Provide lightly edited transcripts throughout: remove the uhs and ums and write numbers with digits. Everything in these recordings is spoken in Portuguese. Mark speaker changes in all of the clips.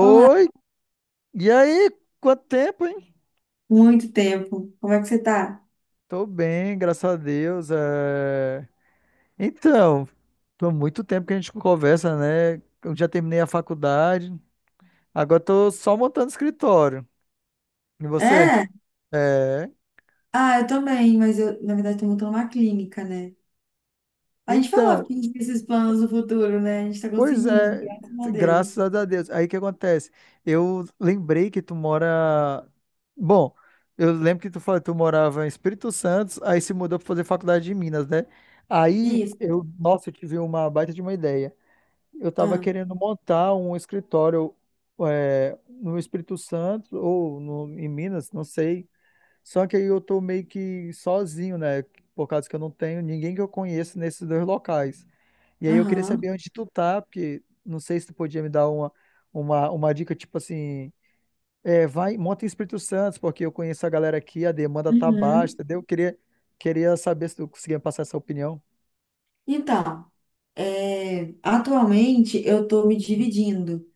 Speaker 1: Olá,
Speaker 2: e aí? Quanto tempo, hein?
Speaker 1: muito tempo. Como é que você tá?
Speaker 2: Tô bem, graças a Deus. É. Então, tô muito tempo que a gente conversa, né? Eu já terminei a faculdade, agora tô só montando escritório. E você?
Speaker 1: É?
Speaker 2: É.
Speaker 1: Ah, eu também, mas eu, na verdade, tô montando uma clínica, né? A gente falava
Speaker 2: Então,
Speaker 1: que a gente tinha esses planos no futuro, né? A gente tá
Speaker 2: pois
Speaker 1: conseguindo,
Speaker 2: é,
Speaker 1: graças a Deus.
Speaker 2: graças a Deus. Aí o que acontece? Eu lembrei que tu mora. Bom, eu lembro que tu falou que tu morava em Espírito Santo, aí se mudou para fazer faculdade de Minas, né? Aí
Speaker 1: Isso.
Speaker 2: eu, nossa, eu tive uma baita de uma ideia. Eu tava
Speaker 1: Ah,
Speaker 2: querendo montar um escritório no Espírito Santo ou em Minas, não sei. Só que aí eu tô meio que sozinho, né? Por causa que eu não tenho ninguém que eu conheço nesses dois locais. E aí eu queria
Speaker 1: aham.
Speaker 2: saber onde tu tá, porque não sei se tu podia me dar uma dica, tipo assim, é, vai, monta em Espírito Santo, porque eu conheço a galera aqui, a demanda tá baixa,
Speaker 1: Uhum.
Speaker 2: entendeu? Eu queria saber se tu conseguia me passar essa opinião.
Speaker 1: Então, atualmente eu tô me dividindo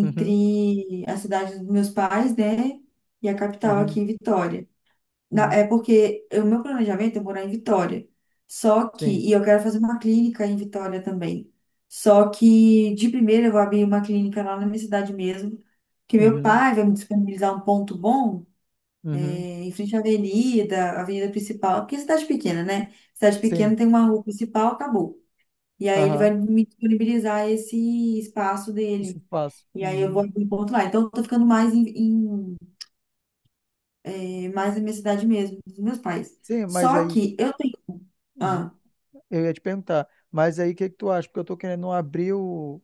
Speaker 2: Uhum,
Speaker 1: a cidade dos meus pais, né? E a capital
Speaker 2: uhum,
Speaker 1: aqui, Vitória.
Speaker 2: uhum,
Speaker 1: É porque o meu planejamento é morar em Vitória. Só que,
Speaker 2: sim,
Speaker 1: e eu quero fazer uma clínica em Vitória também. Só que, de primeira, eu vou abrir uma clínica lá na minha cidade mesmo. Que meu
Speaker 2: uhum,
Speaker 1: pai vai me disponibilizar um ponto bom,
Speaker 2: uhum,
Speaker 1: em frente à avenida, a avenida principal. Porque é cidade pequena, né? Cidade
Speaker 2: sim,
Speaker 1: pequena tem uma rua principal, acabou. E aí ele vai
Speaker 2: aham,
Speaker 1: me disponibilizar esse espaço
Speaker 2: isso
Speaker 1: dele.
Speaker 2: eu faço.
Speaker 1: E aí eu vou
Speaker 2: Uhum.
Speaker 1: abrir um ponto lá. Então, eu tô ficando é mais da minha cidade mesmo, dos meus pais.
Speaker 2: Sim, mas
Speaker 1: Só
Speaker 2: aí,
Speaker 1: que eu tenho.
Speaker 2: uhum,
Speaker 1: Ah,
Speaker 2: eu ia te perguntar, mas aí o que que tu acha? Porque eu tô querendo abrir o,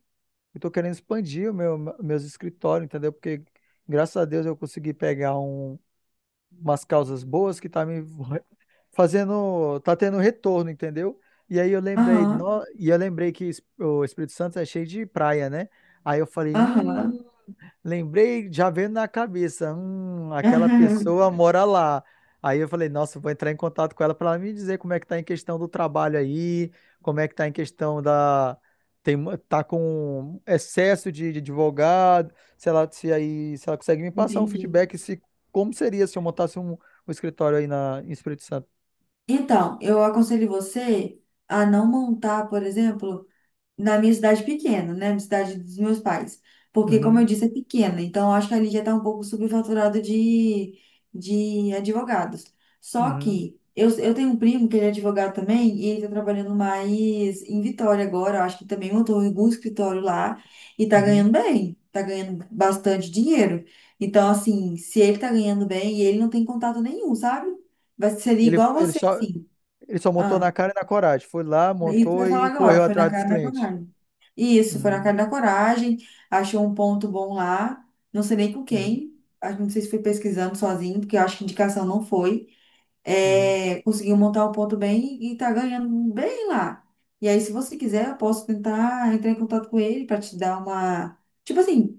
Speaker 2: eu tô querendo expandir meus escritórios, entendeu? Porque graças a Deus eu consegui pegar umas causas boas que tá me fazendo, tá tendo retorno, entendeu? E aí eu lembrei,
Speaker 1: aham,
Speaker 2: no, e eu lembrei que o Espírito Santo é cheio de praia, né? Aí eu falei,
Speaker 1: aham,
Speaker 2: lembrei, já veio na cabeça, aquela
Speaker 1: aham,
Speaker 2: pessoa mora lá. Aí eu falei, nossa, eu vou entrar em contato com ela para ela me dizer como é que tá em questão do trabalho aí, como é que tá em questão da tá com excesso de advogado, se ela consegue me passar um
Speaker 1: entendi.
Speaker 2: feedback, se como seria se eu montasse um escritório aí em Espírito Santo?
Speaker 1: Então, eu aconselho você a não montar, por exemplo. Na minha cidade pequena, né? Na cidade dos meus pais. Porque, como eu
Speaker 2: Uhum,
Speaker 1: disse, é pequena. Então, eu acho que ali já está um pouco de advogados. Só
Speaker 2: uhum,
Speaker 1: que eu tenho um primo que ele é advogado também e ele está trabalhando mais em Vitória agora. Eu acho que também montou algum escritório lá e está
Speaker 2: uhum.
Speaker 1: ganhando bem. Está ganhando bastante dinheiro. Então, assim, se ele está ganhando bem e ele não tem contato nenhum, sabe? Vai ser
Speaker 2: Ele,
Speaker 1: igual
Speaker 2: ele
Speaker 1: você,
Speaker 2: só,
Speaker 1: assim.
Speaker 2: ele só montou na cara e na coragem. Foi lá,
Speaker 1: Isso que eu
Speaker 2: montou
Speaker 1: ia falar
Speaker 2: e
Speaker 1: agora,
Speaker 2: correu
Speaker 1: foi na
Speaker 2: atrás dos
Speaker 1: cara da
Speaker 2: clientes.
Speaker 1: coragem. Isso, foi na
Speaker 2: Uhum,
Speaker 1: cara da coragem, achou um ponto bom lá, não sei nem com
Speaker 2: uhum,
Speaker 1: quem, não sei se foi pesquisando sozinho, porque eu acho que indicação não foi.
Speaker 2: uhum.
Speaker 1: É, conseguiu montar um ponto bem e tá ganhando bem lá. E aí, se você quiser, eu posso tentar entrar em contato com ele para te dar uma. Tipo assim,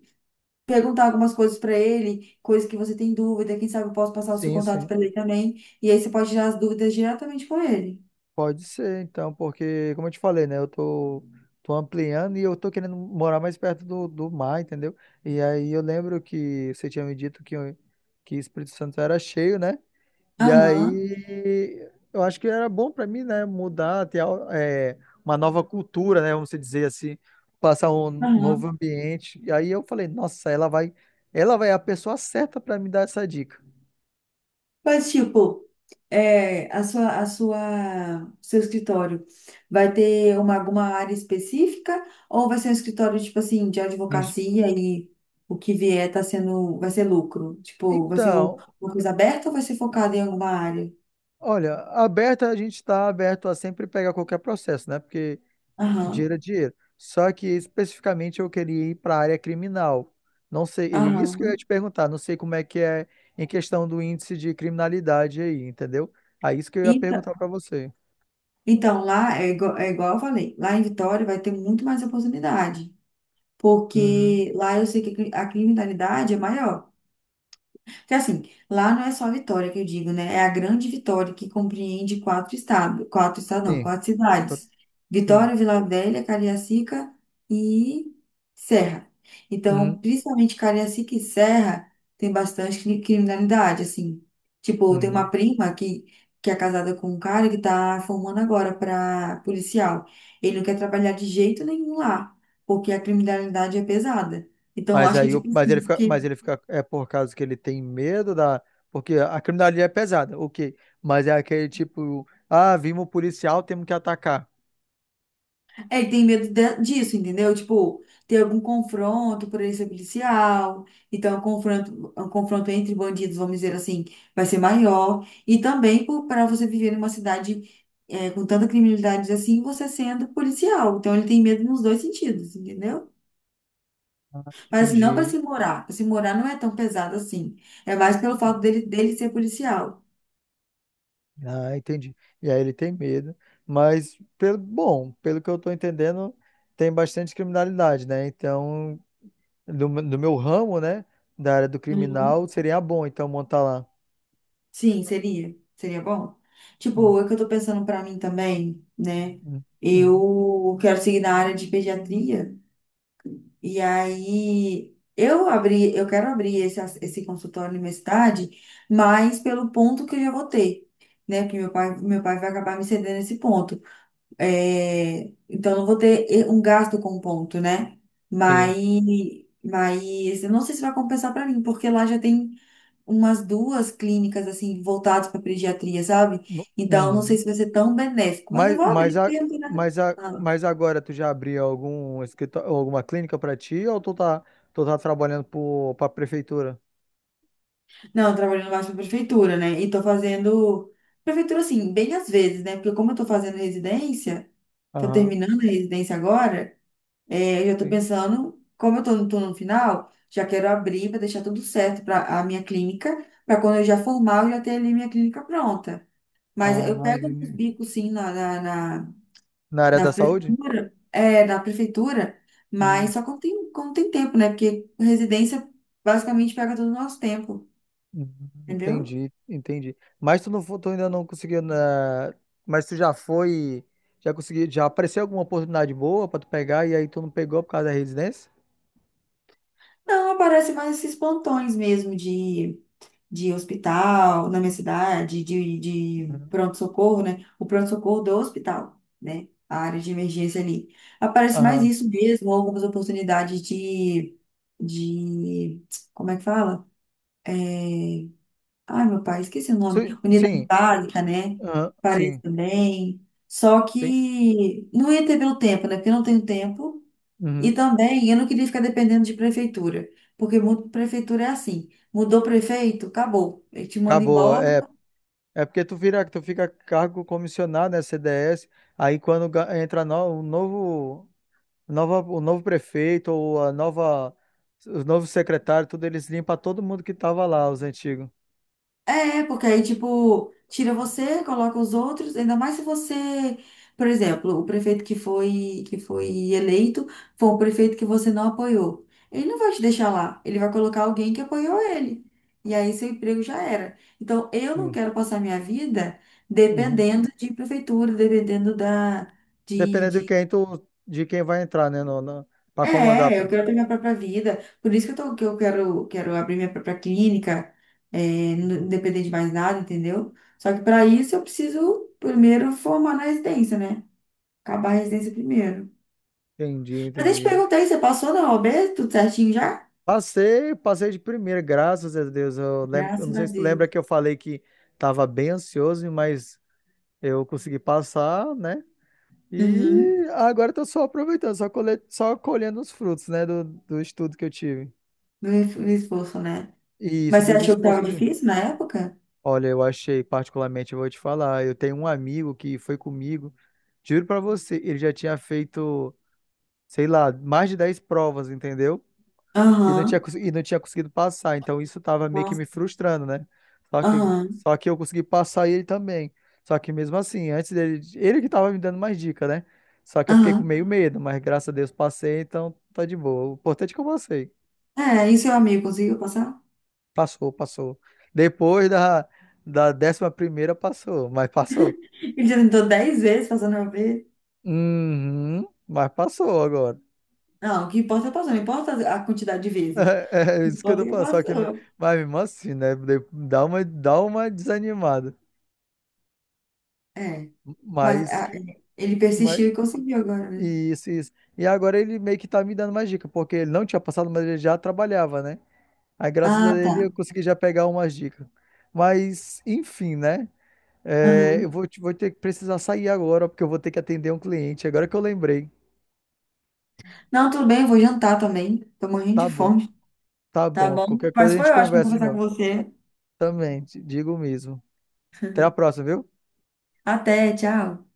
Speaker 1: perguntar algumas coisas para ele, coisas que você tem dúvida, quem sabe eu posso passar o seu
Speaker 2: Sim,
Speaker 1: contato
Speaker 2: sim.
Speaker 1: para ele também. E aí você pode tirar as dúvidas diretamente com ele.
Speaker 2: Pode ser, então, porque, como eu te falei, né? Tô ampliando e eu tô querendo morar mais perto do mar, entendeu? E aí eu lembro que você tinha me dito que Espírito Santo era cheio, né? E
Speaker 1: Aham,
Speaker 2: aí, eu acho que era bom para mim, né, mudar, uma nova cultura, né, vamos dizer assim, passar um
Speaker 1: aham.
Speaker 2: novo ambiente. E aí eu falei, nossa, ela vai é a pessoa certa para me dar essa dica.
Speaker 1: Mas, tipo. É, seu escritório vai ter uma, alguma área específica ou vai ser um escritório, tipo assim, de
Speaker 2: Entendi.
Speaker 1: advocacia e o que vier tá sendo, vai ser lucro? Tipo, vai ser
Speaker 2: Então,
Speaker 1: uma coisa aberta ou vai ser focado em alguma área?
Speaker 2: olha, aberta, a gente está aberto a sempre pegar qualquer processo, né? Porque
Speaker 1: Aham,
Speaker 2: dinheiro é dinheiro. Só que especificamente eu queria ir para a área criminal. Não sei, e isso que eu ia
Speaker 1: aham.
Speaker 2: te perguntar, não sei como é que é em questão do índice de criminalidade aí, entendeu? Aí isso que eu ia
Speaker 1: Então,
Speaker 2: perguntar para você.
Speaker 1: então, lá é igual eu falei, lá em Vitória vai ter muito mais oportunidade,
Speaker 2: Uhum.
Speaker 1: porque lá eu sei que a criminalidade é maior. Porque assim, lá não é só a Vitória que eu digo, né? É a grande Vitória que compreende quatro estados, não,
Speaker 2: Sim,
Speaker 1: quatro
Speaker 2: eu-
Speaker 1: cidades.
Speaker 2: sim.
Speaker 1: Vitória, Vila Velha, Cariacica e Serra.
Speaker 2: Uhum,
Speaker 1: Então, principalmente Cariacica e Serra tem bastante criminalidade, assim. Tipo, tem uma
Speaker 2: uhum.
Speaker 1: prima que é casada com um cara que tá formando agora para policial. Ele não quer trabalhar de jeito nenhum lá, porque a criminalidade é pesada. Então, eu
Speaker 2: Mas
Speaker 1: acho que,
Speaker 2: aí,
Speaker 1: tipo,
Speaker 2: mas
Speaker 1: assim,
Speaker 2: ele fica, é por causa que ele tem medo da, porque a criminalidade é pesada, ok. Mas é aquele tipo, ah, vimos o policial, temos que atacar.
Speaker 1: é, ele tem medo disso, entendeu? Tipo, ter algum confronto por ele ser policial. Então, o confronto entre bandidos, vamos dizer assim, vai ser maior. E também para você viver numa cidade é, com tanta criminalidade assim, você sendo policial. Então, ele tem medo nos dois sentidos, entendeu? Mas assim, não para
Speaker 2: Entendi.
Speaker 1: se morar. Para se morar não é tão pesado assim. É mais pelo fato dele ser policial.
Speaker 2: Ah, entendi. E aí ele tem medo, mas pelo bom, pelo que eu estou entendendo, tem bastante criminalidade, né? Então, do meu ramo, né, da área do criminal, seria bom então montar lá.
Speaker 1: Sim, seria. Seria bom.
Speaker 2: Hum,
Speaker 1: Tipo, é que eu tô pensando pra mim também, né?
Speaker 2: hum, hum.
Speaker 1: Eu quero seguir na área de pediatria. E aí, eu quero abrir esse consultório na minha cidade, mas pelo ponto que eu já vou ter, né? Porque meu pai vai acabar me cedendo esse ponto. É, então, eu não vou ter um gasto com ponto, né?
Speaker 2: Sim.
Speaker 1: Mas, mas eu não sei se vai compensar para mim, porque lá já tem umas duas clínicas assim voltadas para pediatria, sabe? Então não sei
Speaker 2: Uhum.
Speaker 1: se vai ser tão benéfico, mas eu
Speaker 2: Mas,
Speaker 1: vou abrir
Speaker 2: mas, a,
Speaker 1: porque não tem nada. Ah,
Speaker 2: mas agora tu já abriu algum escritório, alguma clínica para ti ou tu tá trabalhando para a prefeitura?
Speaker 1: não, eu trabalho no baixo da prefeitura, né? E tô fazendo prefeitura assim, bem às vezes, né? Porque como eu tô fazendo residência, tô
Speaker 2: Aham,
Speaker 1: terminando a residência agora, é, eu já tô
Speaker 2: sim.
Speaker 1: pensando, como eu tô, tô no final, já quero abrir para deixar tudo certo para a minha clínica, para quando eu já formar, eu já ter ali minha clínica pronta. Mas
Speaker 2: Ah,
Speaker 1: eu pego uns
Speaker 2: entendi.
Speaker 1: bicos sim na
Speaker 2: Na área
Speaker 1: da
Speaker 2: da saúde?
Speaker 1: prefeitura, da prefeitura, mas
Speaker 2: Hum.
Speaker 1: só quando tem tempo, né? Porque residência basicamente pega todo o nosso tempo,
Speaker 2: Hum.
Speaker 1: entendeu?
Speaker 2: Entendi, entendi. Tu ainda não conseguiu mas tu já foi, já conseguiu, já apareceu alguma oportunidade boa pra tu pegar e aí tu não pegou por causa da residência?
Speaker 1: Não, aparece mais esses plantões mesmo de hospital na minha cidade, de
Speaker 2: Uhum.
Speaker 1: pronto-socorro, né? O pronto-socorro do hospital, né? A área de emergência ali. Aparece mais
Speaker 2: Aham.
Speaker 1: isso mesmo, algumas oportunidades de, como é que fala? É, ai, meu pai, esqueci o nome.
Speaker 2: Sim,
Speaker 1: Unidade
Speaker 2: sim,
Speaker 1: básica, né?
Speaker 2: aham,
Speaker 1: Parece
Speaker 2: sim.
Speaker 1: também. Só
Speaker 2: Tem.
Speaker 1: que não ia ter pelo tempo, né? Porque eu não tenho tempo. E
Speaker 2: Uhum.
Speaker 1: também eu não queria ficar dependendo de prefeitura. Porque muito prefeitura é assim. Mudou prefeito, acabou. Ele te manda
Speaker 2: Acabou.
Speaker 1: embora.
Speaker 2: É, é porque tu vira, tu fica cargo comissionado, né, CDS, aí entra no, o novo, o novo prefeito ou o novo secretário, tudo eles limpam todo mundo que tava lá, os antigos.
Speaker 1: É, porque aí, tipo, tira você, coloca os outros, ainda mais se você, por exemplo, o prefeito que foi eleito foi um prefeito que você não apoiou. Ele não vai te deixar lá, ele vai colocar alguém que apoiou ele. E aí seu emprego já era. Então, eu não
Speaker 2: Sim.
Speaker 1: quero passar minha vida
Speaker 2: Uhum.
Speaker 1: dependendo de prefeitura, dependendo da, de
Speaker 2: Dependendo de
Speaker 1: de
Speaker 2: de quem vai entrar, né, no, na- pra comandar.
Speaker 1: é,
Speaker 2: Pra-
Speaker 1: eu quero ter minha própria vida. Por isso que eu tô, quero abrir minha própria clínica, é, não depender de mais nada, entendeu? Só que para isso eu preciso primeiro formar na residência, né? Acabar a residência primeiro.
Speaker 2: Entendi,
Speaker 1: Mas eu te
Speaker 2: entendi.
Speaker 1: perguntei, você passou na OAB? Tudo certinho já?
Speaker 2: Passei de primeira, graças a Deus. Eu, lembro, eu não
Speaker 1: Graças a
Speaker 2: sei se tu lembra
Speaker 1: Deus.
Speaker 2: que eu falei que tava bem ansioso, mas eu consegui passar, né?
Speaker 1: Uhum.
Speaker 2: E agora eu tô só aproveitando, só colhendo os frutos, né, do estudo que eu tive.
Speaker 1: No esforço, né?
Speaker 2: E isso,
Speaker 1: Mas você
Speaker 2: dos
Speaker 1: achou que
Speaker 2: esforços
Speaker 1: tava
Speaker 2: que eu tive.
Speaker 1: difícil na época?
Speaker 2: Olha, eu achei, particularmente, eu vou te falar, eu tenho um amigo que foi comigo, juro pra você, ele já tinha feito, sei lá, mais de 10 provas, entendeu? E não tinha,
Speaker 1: Aham,
Speaker 2: cons- e não tinha conseguido passar, então isso tava meio que
Speaker 1: nossa,
Speaker 2: me frustrando, né? Só que,
Speaker 1: aham,
Speaker 2: só que eu consegui passar e ele também. Só que mesmo assim, antes dele, ele que tava me dando mais dica, né? Só que eu fiquei com
Speaker 1: aham.
Speaker 2: meio medo, mas graças a Deus passei, então tá de boa. O importante é que eu passei.
Speaker 1: É, e seu amigo conseguiu passar?
Speaker 2: Passou. Depois da, da décima primeira passou, mas passou.
Speaker 1: Ele já tentou 10 vezes passando na OAB.
Speaker 2: Uhum, mas passou agora.
Speaker 1: Não, o que importa é passou, não importa a quantidade de vezes.
Speaker 2: É, é
Speaker 1: Não
Speaker 2: isso que eu tô
Speaker 1: importa que
Speaker 2: falando, só que,
Speaker 1: passou.
Speaker 2: mas mesmo assim, né, dá dá uma desanimada,
Speaker 1: É, mas
Speaker 2: mas
Speaker 1: a-
Speaker 2: que,
Speaker 1: ele
Speaker 2: mas,
Speaker 1: persistiu e conseguiu agora, né?
Speaker 2: isso, e agora ele meio que tá me dando mais dica, porque ele não tinha passado, mas ele já trabalhava, né, aí graças a
Speaker 1: Ah, tá.
Speaker 2: ele eu consegui já pegar umas dicas, mas, enfim, né, é,
Speaker 1: Aham.
Speaker 2: vou ter que precisar sair agora, porque eu vou ter que atender um cliente, agora que eu lembrei,
Speaker 1: Não, tudo bem, eu vou jantar também. Tô morrendo
Speaker 2: tá
Speaker 1: de
Speaker 2: bom,
Speaker 1: fome.
Speaker 2: tá
Speaker 1: Tá
Speaker 2: bom,
Speaker 1: bom?
Speaker 2: qualquer coisa
Speaker 1: Mas
Speaker 2: a
Speaker 1: foi
Speaker 2: gente
Speaker 1: ótimo
Speaker 2: conversa de
Speaker 1: conversar com
Speaker 2: novo,
Speaker 1: você.
Speaker 2: também, te digo mesmo, até a próxima, viu?
Speaker 1: Até, tchau.